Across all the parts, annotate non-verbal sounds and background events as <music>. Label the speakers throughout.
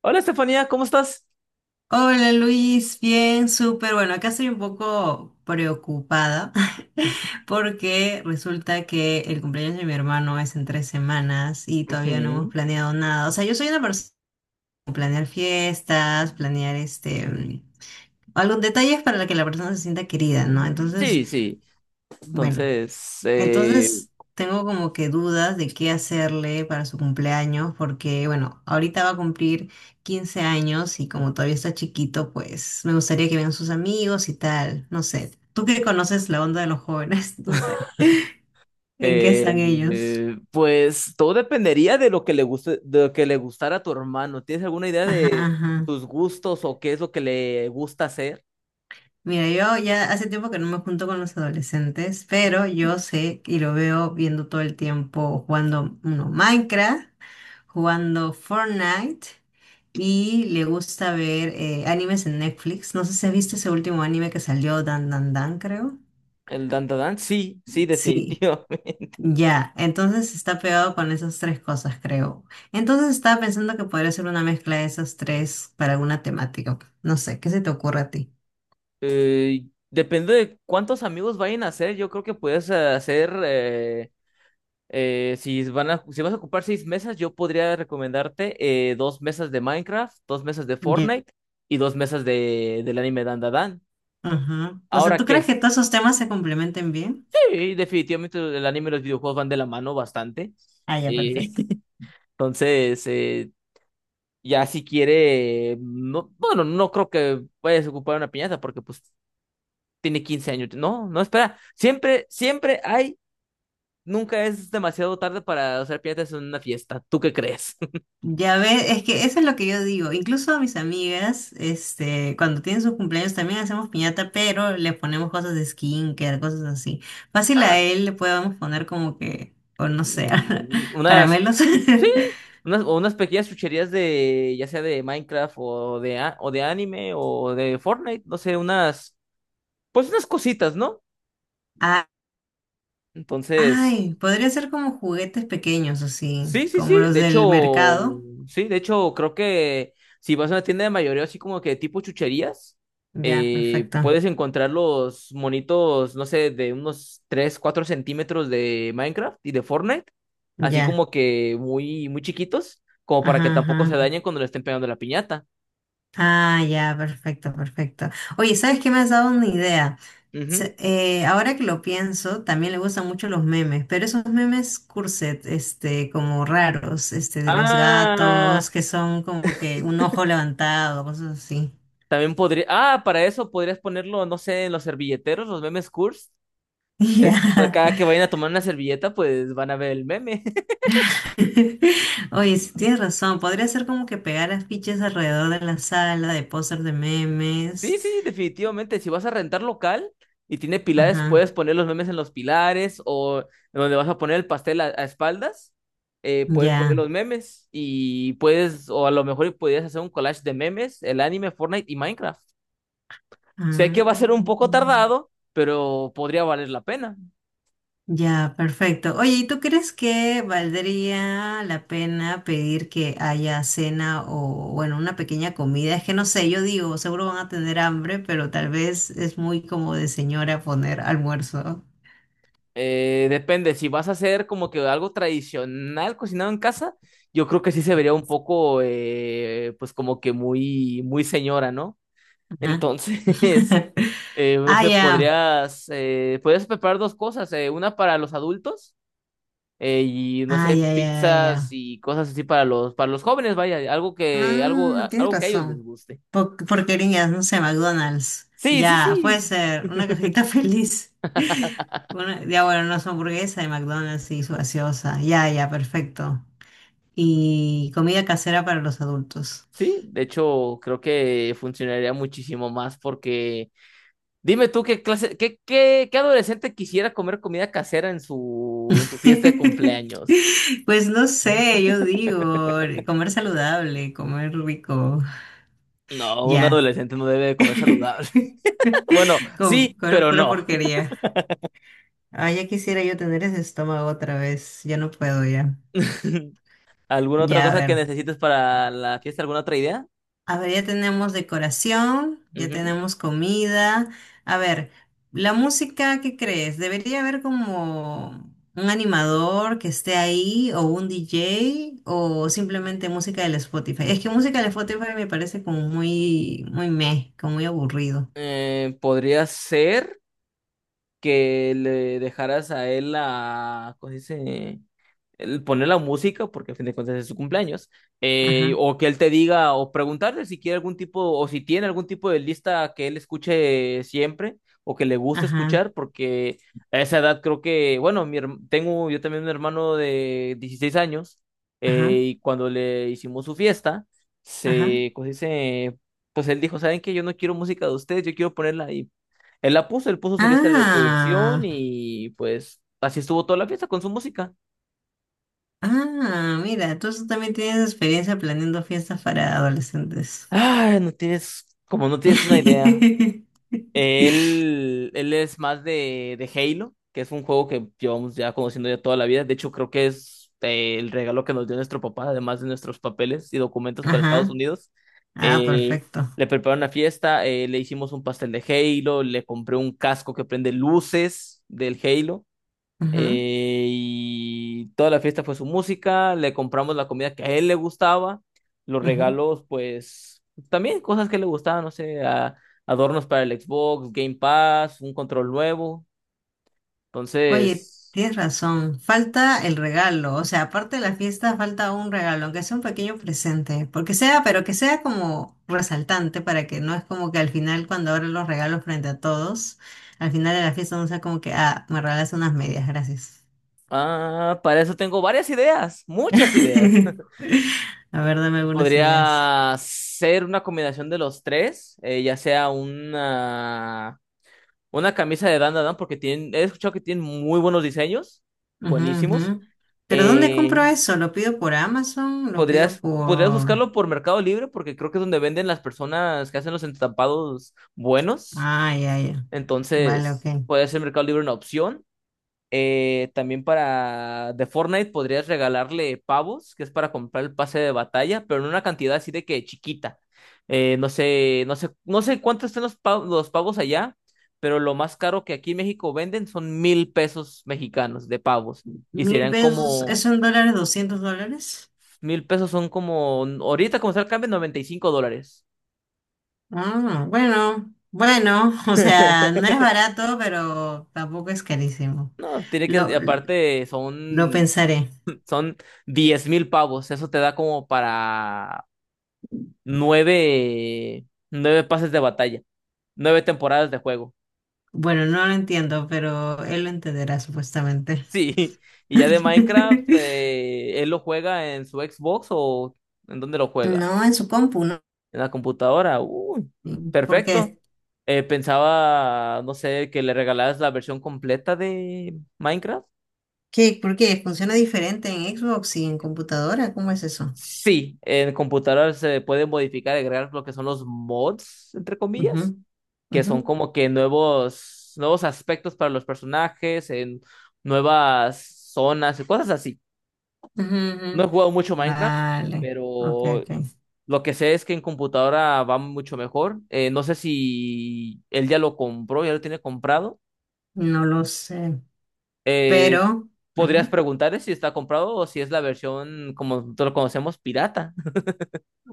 Speaker 1: Hola Estefanía, ¿cómo estás?
Speaker 2: Hola Luis, bien, súper. Bueno, acá estoy un poco preocupada <laughs> porque resulta que el cumpleaños de mi hermano es en 3 semanas y todavía no hemos
Speaker 1: Ujú.
Speaker 2: planeado nada. O sea, yo soy una persona que planear fiestas, planear este, algún detalles para que la persona se sienta querida, ¿no? Entonces,
Speaker 1: Sí, sí.
Speaker 2: bueno.
Speaker 1: Entonces,
Speaker 2: Entonces tengo como que dudas de qué hacerle para su cumpleaños, porque bueno, ahorita va a cumplir 15 años y como todavía está chiquito, pues me gustaría que vengan sus amigos y tal, no sé. Tú que conoces la onda de los jóvenes, <laughs> no sé, ¿en qué
Speaker 1: eh,
Speaker 2: están ellos?
Speaker 1: pues todo dependería de lo que le guste, de lo que le gustara a tu hermano. ¿Tienes alguna idea
Speaker 2: Ajá,
Speaker 1: de
Speaker 2: ajá.
Speaker 1: tus gustos o qué es lo que le gusta hacer?
Speaker 2: Mira, yo ya hace tiempo que no me junto con los adolescentes, pero yo sé y lo veo viendo todo el tiempo jugando uno, Minecraft, jugando Fortnite y le gusta ver animes en Netflix. No sé si has visto ese último anime que salió, Dan Dan Dan, creo.
Speaker 1: El dandadan, sí, sí,
Speaker 2: Sí.
Speaker 1: definitivamente. <laughs>
Speaker 2: Ya, entonces está pegado con esas tres cosas, creo. Entonces estaba pensando que podría ser una mezcla de esas tres para alguna temática. Ok. No sé, ¿qué se te ocurre a ti?
Speaker 1: Depende de cuántos amigos vayan a hacer. Yo creo que puedes hacer. Si vas a ocupar seis mesas, yo podría recomendarte dos mesas de Minecraft, dos mesas de
Speaker 2: Ya.
Speaker 1: Fortnite y dos mesas del anime Dan Dan Dan.
Speaker 2: Ajá. O sea,
Speaker 1: Ahora
Speaker 2: ¿tú
Speaker 1: que
Speaker 2: crees que
Speaker 1: es-
Speaker 2: todos esos temas se complementen bien?
Speaker 1: sí, definitivamente el anime y los videojuegos van de la mano bastante.
Speaker 2: Ah, ya,
Speaker 1: Eh,
Speaker 2: perfecto.
Speaker 1: <laughs> entonces, ya si quiere, no, bueno, no creo que vayas a ocupar una piñata porque pues tiene 15 años. No, no, espera. Nunca es demasiado tarde para hacer piñatas en una fiesta. ¿Tú qué crees?
Speaker 2: Ya ves, es que eso es lo que yo digo. Incluso a mis amigas, este, cuando tienen sus cumpleaños también hacemos piñata, pero le ponemos cosas de skincare, cosas así. Fácil a
Speaker 1: <laughs>
Speaker 2: él le podemos poner como que, o no sé, <laughs>
Speaker 1: Unas,
Speaker 2: caramelos.
Speaker 1: sí,
Speaker 2: <laughs>
Speaker 1: unas pequeñas chucherías de, ya sea de Minecraft o de, o de anime o de Fortnite, no sé, unas, pues unas cositas, ¿no?
Speaker 2: Ah,
Speaker 1: Entonces.
Speaker 2: ay, podría ser como juguetes pequeños, así,
Speaker 1: Sí, sí,
Speaker 2: como
Speaker 1: sí.
Speaker 2: los
Speaker 1: De
Speaker 2: del
Speaker 1: hecho,
Speaker 2: mercado.
Speaker 1: sí, creo que si vas a una tienda de mayoreo así como que tipo chucherías,
Speaker 2: Ya, perfecto.
Speaker 1: puedes encontrar los monitos, no sé, de unos 3 4 centímetros de Minecraft y de Fortnite, así
Speaker 2: Ya.
Speaker 1: como que muy, muy chiquitos, como para que
Speaker 2: Ajá,
Speaker 1: tampoco se
Speaker 2: ajá.
Speaker 1: dañen cuando le estén pegando la piñata.
Speaker 2: Ah, ya, perfecto, perfecto. Oye, ¿sabes qué me has dado una idea?
Speaker 1: Ujú.
Speaker 2: Ahora que lo pienso, también le gustan mucho los memes, pero esos memes curset, este, como raros, este, de los
Speaker 1: Ah,
Speaker 2: gatos, que son como que un ojo levantado, cosas así. <laughs>
Speaker 1: también podría, para eso podrías ponerlo, no sé, en los servilleteros, los memes curls. Eh,
Speaker 2: Ya.
Speaker 1: Cada que vayan a tomar una servilleta, pues van a ver el meme.
Speaker 2: <laughs> Oye, sí, tienes razón, podría ser como que pegar afiches alrededor de la sala de póster de
Speaker 1: Sí,
Speaker 2: memes.
Speaker 1: sí, definitivamente. Si vas a rentar local y tiene pilares,
Speaker 2: Ajá,
Speaker 1: puedes poner los memes en los pilares o donde vas a poner el pastel a, espaldas, puedes poner los
Speaker 2: ya.
Speaker 1: memes y puedes, o a lo mejor podrías hacer un collage de memes, el anime, Fortnite y Minecraft. Sé que va a ser un poco
Speaker 2: Ah.
Speaker 1: tardado, pero podría valer la pena.
Speaker 2: Ya, perfecto. Oye, ¿y tú crees que valdría la pena pedir que haya cena o, bueno, una pequeña comida? Es que no sé, yo digo, seguro van a tener hambre, pero tal vez es muy como de señora poner almuerzo.
Speaker 1: Depende, si vas a hacer como que algo tradicional cocinado en casa, yo creo que sí se vería un poco, pues como que muy, muy señora, ¿no?
Speaker 2: Ajá.
Speaker 1: Entonces...
Speaker 2: <laughs>
Speaker 1: <laughs> no
Speaker 2: Ah,
Speaker 1: sé,
Speaker 2: ya.
Speaker 1: podrías preparar dos cosas, una para los adultos y no
Speaker 2: Ah,
Speaker 1: sé,
Speaker 2: ya, ya, ya.
Speaker 1: pizzas
Speaker 2: Ya.
Speaker 1: y cosas así para los jóvenes, vaya, algo que,
Speaker 2: Ah, tienes
Speaker 1: algo que a ellos les
Speaker 2: razón.
Speaker 1: guste.
Speaker 2: Porquerías, no sé, McDonald's.
Speaker 1: Sí, sí,
Speaker 2: Ya, puede
Speaker 1: sí.
Speaker 2: ser una cajita <laughs> feliz.
Speaker 1: <laughs>
Speaker 2: Ya, bueno, no son hamburguesa de McDonald's y su gaseosa. Ya, ya, perfecto. Y comida casera para los adultos.
Speaker 1: Sí, de hecho, creo que funcionaría muchísimo más porque dime tú qué clase, qué adolescente quisiera comer comida casera en su, fiesta de
Speaker 2: <laughs>
Speaker 1: cumpleaños.
Speaker 2: Pues no sé, yo digo, comer saludable, comer rico.
Speaker 1: No, un
Speaker 2: Ya.
Speaker 1: adolescente no debe de comer
Speaker 2: <laughs>
Speaker 1: saludable. <laughs> Bueno, sí,
Speaker 2: Comer
Speaker 1: pero
Speaker 2: pura
Speaker 1: no.
Speaker 2: porquería. Ah, ya quisiera yo tener ese estómago otra vez. Ya no puedo ya.
Speaker 1: <laughs> ¿Alguna otra
Speaker 2: Ya, a
Speaker 1: cosa que
Speaker 2: ver.
Speaker 1: necesites para la fiesta? ¿Alguna otra idea?
Speaker 2: A ver, ya tenemos decoración, ya
Speaker 1: Ujú.
Speaker 2: tenemos comida. A ver, la música, ¿qué crees? ¿Debería haber como un animador que esté ahí o un DJ o simplemente música del Spotify? Es que música del Spotify me parece como muy, muy meh, como muy aburrido.
Speaker 1: Podría ser que le dejaras a él la, ¿cómo se dice? El poner la música, porque a fin de cuentas es su cumpleaños,
Speaker 2: Ajá,
Speaker 1: o que él te diga, o preguntarle si quiere algún tipo, o si tiene algún tipo de lista que él escuche siempre, o que le guste
Speaker 2: ajá,
Speaker 1: escuchar, porque a esa edad creo que, bueno, tengo yo también un hermano de 16 años,
Speaker 2: ajá,
Speaker 1: y cuando le hicimos su fiesta,
Speaker 2: ajá.
Speaker 1: pues dice, pues él dijo, ¿saben qué? Yo no quiero música de ustedes, yo quiero ponerla. Y él la puso, él puso su lista de reproducción
Speaker 2: Ah,
Speaker 1: y pues así estuvo toda la fiesta con su música.
Speaker 2: ah, mira, tú también tienes experiencia planeando fiestas para adolescentes.
Speaker 1: Ay, no tienes, como no tienes una idea.
Speaker 2: <laughs>
Speaker 1: Él es más de Halo, que es un juego que llevamos ya conociendo ya toda la vida. De hecho, creo que es el regalo que nos dio nuestro papá, además de nuestros papeles y documentos para Estados
Speaker 2: Ajá.
Speaker 1: Unidos.
Speaker 2: Ah,
Speaker 1: Eh,
Speaker 2: perfecto.
Speaker 1: Le preparé una fiesta, le hicimos un pastel de Halo, le compré un casco que prende luces del Halo, y toda la fiesta fue su música, le compramos la comida que a él le gustaba, los
Speaker 2: Ujú, ujú.
Speaker 1: regalos, pues también cosas que le gustaban, no sé, adornos para el Xbox, Game Pass, un control nuevo.
Speaker 2: Oye,
Speaker 1: Entonces,
Speaker 2: tienes razón. Falta el regalo. O sea, aparte de la fiesta, falta un regalo, aunque sea un pequeño presente. Porque sea, pero que sea como resaltante para que no es como que al final, cuando abres los regalos frente a todos, al final de la fiesta no sea como que, ah, me regalaste unas medias, gracias.
Speaker 1: para eso tengo varias ideas, muchas ideas. <laughs>
Speaker 2: <laughs> A ver, dame algunas ideas.
Speaker 1: Podría ser una combinación de los tres, ya sea una camisa de Dan Dan, Dan, porque tienen, he escuchado que tienen muy buenos diseños,
Speaker 2: Ujú,
Speaker 1: buenísimos.
Speaker 2: ujú. Pero ¿dónde
Speaker 1: eh,
Speaker 2: compro eso? ¿Lo pido por Amazon? ¿Lo pido
Speaker 1: Podrías
Speaker 2: por...?
Speaker 1: buscarlo por Mercado Libre porque creo que es donde venden las personas que hacen los entampados buenos.
Speaker 2: Ah, ya, ya. Vale,
Speaker 1: Entonces,
Speaker 2: ok.
Speaker 1: puede ser Mercado Libre una opción. También para de Fortnite podrías regalarle pavos, que es para comprar el pase de batalla, pero en una cantidad así de que chiquita. No sé cuánto están los pavos, allá, pero lo más caro que aquí en México venden son 1.000 pesos mexicanos de pavos. Y
Speaker 2: Mil
Speaker 1: serían
Speaker 2: pesos,
Speaker 1: como
Speaker 2: ¿eso en dólares? ¿$200?
Speaker 1: 1.000 pesos son como, ahorita como está el cambio, 95 dólares.
Speaker 2: Ah, bueno, bueno, <laughs> o sea,
Speaker 1: <laughs>
Speaker 2: no es barato, pero tampoco es carísimo.
Speaker 1: No, tiene que,
Speaker 2: Lo,
Speaker 1: aparte
Speaker 2: lo pensaré.
Speaker 1: son 10.000 pavos. Eso te da como para nueve, nueve pases de batalla, nueve temporadas de juego. <laughs>
Speaker 2: Bueno, no lo entiendo, pero él lo entenderá supuestamente.
Speaker 1: Sí, y ya de Minecraft,
Speaker 2: <laughs>
Speaker 1: él lo juega en su Xbox o ¿en dónde lo juega?
Speaker 2: No, en su compu, ¿no?
Speaker 1: En la computadora. Uy, perfecto.
Speaker 2: Porque
Speaker 1: Pensaba, no sé, que le regalaras la versión completa de Minecraft.
Speaker 2: ¿qué? ¿Por qué? ¿Funciona diferente en Xbox y en computadora? ¿Cómo es eso?
Speaker 1: Sí, en computador se pueden modificar, agregar lo que son los mods, entre
Speaker 2: Ujú,
Speaker 1: comillas, que
Speaker 2: ujú,
Speaker 1: son como que nuevos aspectos para los personajes, en nuevas zonas y cosas así.
Speaker 2: ujú, ujú.
Speaker 1: No he jugado mucho Minecraft,
Speaker 2: Vale, ok,
Speaker 1: pero
Speaker 2: ok.
Speaker 1: lo que sé es que en computadora va mucho mejor. No sé si él ya lo compró, ya lo tiene comprado.
Speaker 2: No lo sé,
Speaker 1: Eh,
Speaker 2: pero...
Speaker 1: Podrías
Speaker 2: ujú.
Speaker 1: preguntarle si está comprado o si es la versión, como nosotros lo conocemos, pirata.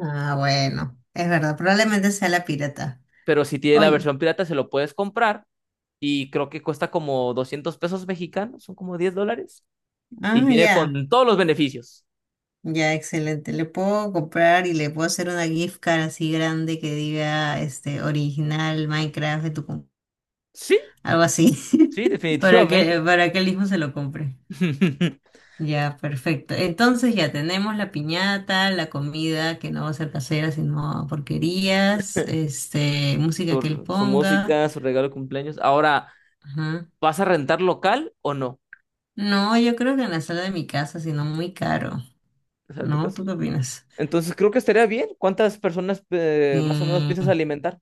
Speaker 2: Ah, bueno, es verdad, probablemente sea la pirata.
Speaker 1: <laughs> Pero si tiene la
Speaker 2: Oye,
Speaker 1: versión pirata, se lo puedes comprar y creo que cuesta como 200 pesos mexicanos, son como 10 dólares, y
Speaker 2: ah,
Speaker 1: viene
Speaker 2: ya,
Speaker 1: con todos los beneficios.
Speaker 2: ya, excelente. Le puedo comprar y le puedo hacer una gift card así grande que diga, este, original Minecraft de tu
Speaker 1: Sí,
Speaker 2: algo así,
Speaker 1: sí,
Speaker 2: <laughs>
Speaker 1: definitivamente.
Speaker 2: para que él mismo se lo compre.
Speaker 1: <laughs>
Speaker 2: Ya, perfecto. Entonces ya tenemos la piñata, la comida que no va a ser casera, sino porquerías, este, música que él
Speaker 1: Su
Speaker 2: ponga.
Speaker 1: música, su regalo de cumpleaños. Ahora,
Speaker 2: Ajá.
Speaker 1: ¿vas a rentar local o no?
Speaker 2: No, yo creo que en la sala de mi casa, sino muy caro,
Speaker 1: O sea, tu
Speaker 2: ¿no?
Speaker 1: caso.
Speaker 2: ¿Tú qué opinas?
Speaker 1: Entonces, creo que estaría bien. ¿Cuántas personas más o menos piensas
Speaker 2: Sí.
Speaker 1: alimentar?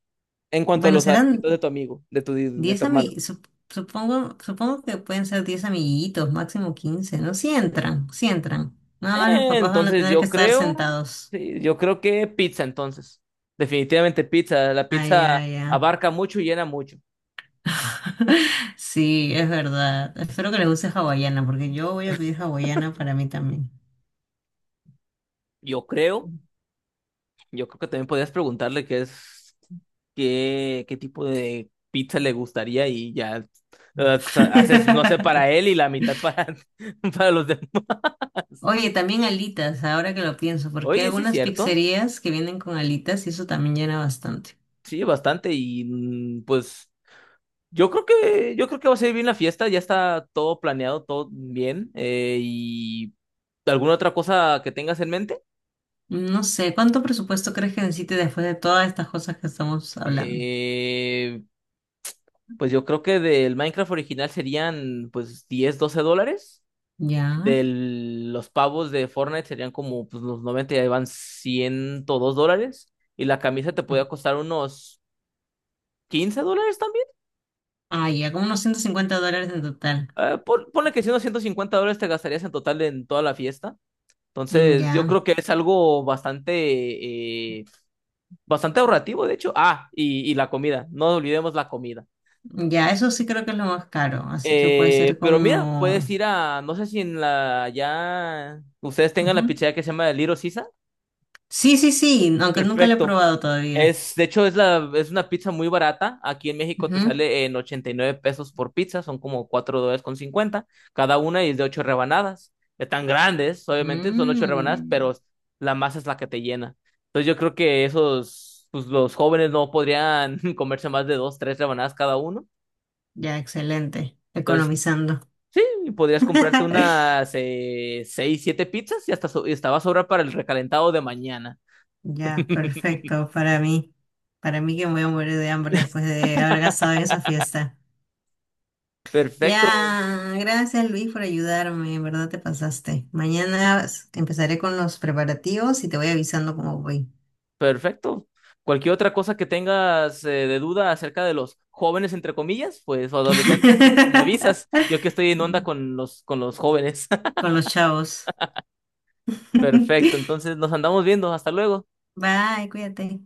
Speaker 1: En cuanto a
Speaker 2: Bueno,
Speaker 1: los
Speaker 2: serán
Speaker 1: alimentos de tu amigo, de
Speaker 2: 10
Speaker 1: tu hermano.
Speaker 2: amiguitos, supongo, supongo que pueden ser 10 amiguitos, máximo 15. ¿No? Sí entran, sí entran. Nada más los papás van a
Speaker 1: Entonces,
Speaker 2: tener que
Speaker 1: yo
Speaker 2: estar
Speaker 1: creo,
Speaker 2: sentados.
Speaker 1: sí, yo creo que pizza, entonces. Definitivamente pizza. La
Speaker 2: Ah,
Speaker 1: pizza
Speaker 2: ya, ya.
Speaker 1: abarca mucho y llena mucho.
Speaker 2: <laughs> Sí, es verdad. Espero que les guste hawaiana, porque yo voy a pedir hawaiana para mí también.
Speaker 1: Yo creo, yo creo que también podrías preguntarle qué es, qué tipo de pizza le gustaría y ya haces, no sé, para él
Speaker 2: <laughs>
Speaker 1: y la mitad para, <laughs> para los demás.
Speaker 2: Oye, también alitas, ahora que lo pienso, porque hay
Speaker 1: Oye, sí,
Speaker 2: algunas
Speaker 1: cierto.
Speaker 2: pizzerías que vienen con alitas y eso también llena bastante.
Speaker 1: Sí, bastante. Y pues yo creo que va a ser bien la fiesta, ya está todo planeado, todo bien. Y ¿alguna otra cosa que tengas en mente?
Speaker 2: No sé, ¿cuánto presupuesto crees que necesite después de todas estas cosas que estamos hablando?
Speaker 1: Eh, pues yo creo que del Minecraft original serían pues 10 12 dólares.
Speaker 2: Ya.
Speaker 1: De los pavos de Fortnite serían como pues, los 90 y ahí van $102. Y la camisa te podía costar unos 15 dólares también.
Speaker 2: Ah, ya, como unos $150 en total.
Speaker 1: Ponle que si unos 150 dólares te gastarías en total en toda la fiesta.
Speaker 2: Mm,
Speaker 1: Entonces,
Speaker 2: ya,
Speaker 1: yo creo que es algo bastante, bastante ahorrativo, de hecho. Ah, y la comida. No olvidemos la comida.
Speaker 2: ya, eso sí creo que es lo más caro, así que puede ser
Speaker 1: Pero mira, puedes
Speaker 2: como...
Speaker 1: ir a, no sé si en la, ya ustedes tengan la pizzería que se llama Little Sisa.
Speaker 2: Sí, sí, sí, aunque nunca lo he
Speaker 1: Perfecto.
Speaker 2: probado todavía.
Speaker 1: De hecho, es es una pizza muy barata. Aquí en México te
Speaker 2: Ujú.
Speaker 1: sale en 89 pesos por pizza, son como $4,50 cada una y es de 8 rebanadas. Están grandes, obviamente, son 8 rebanadas,
Speaker 2: Mm,
Speaker 1: pero la masa es la que te llena. Entonces yo creo que esos, pues los jóvenes no podrían <laughs> comerse más de 2 3 rebanadas cada uno.
Speaker 2: ya, excelente.
Speaker 1: Entonces,
Speaker 2: Economizando.
Speaker 1: sí, podrías comprarte
Speaker 2: <laughs>
Speaker 1: unas 6 7 pizzas y hasta, y hasta va a sobrar para el recalentado de mañana.
Speaker 2: Ya,
Speaker 1: <laughs>
Speaker 2: perfecto para mí. Para mí que me voy a morir de hambre después de haber gastado en esa fiesta.
Speaker 1: Perfecto.
Speaker 2: Ya, gracias Luis por ayudarme, en verdad te pasaste. Mañana empezaré con los preparativos y te voy avisando cómo voy.
Speaker 1: Perfecto. Cualquier otra cosa que tengas de duda acerca de los jóvenes, entre comillas, pues o adolescentes, me avisas.
Speaker 2: <laughs>
Speaker 1: Yo que estoy en onda con los jóvenes. <laughs>
Speaker 2: Con los chavos.
Speaker 1: Perfecto.
Speaker 2: <laughs>
Speaker 1: Entonces nos andamos viendo. Hasta luego.
Speaker 2: Bye, cuídate.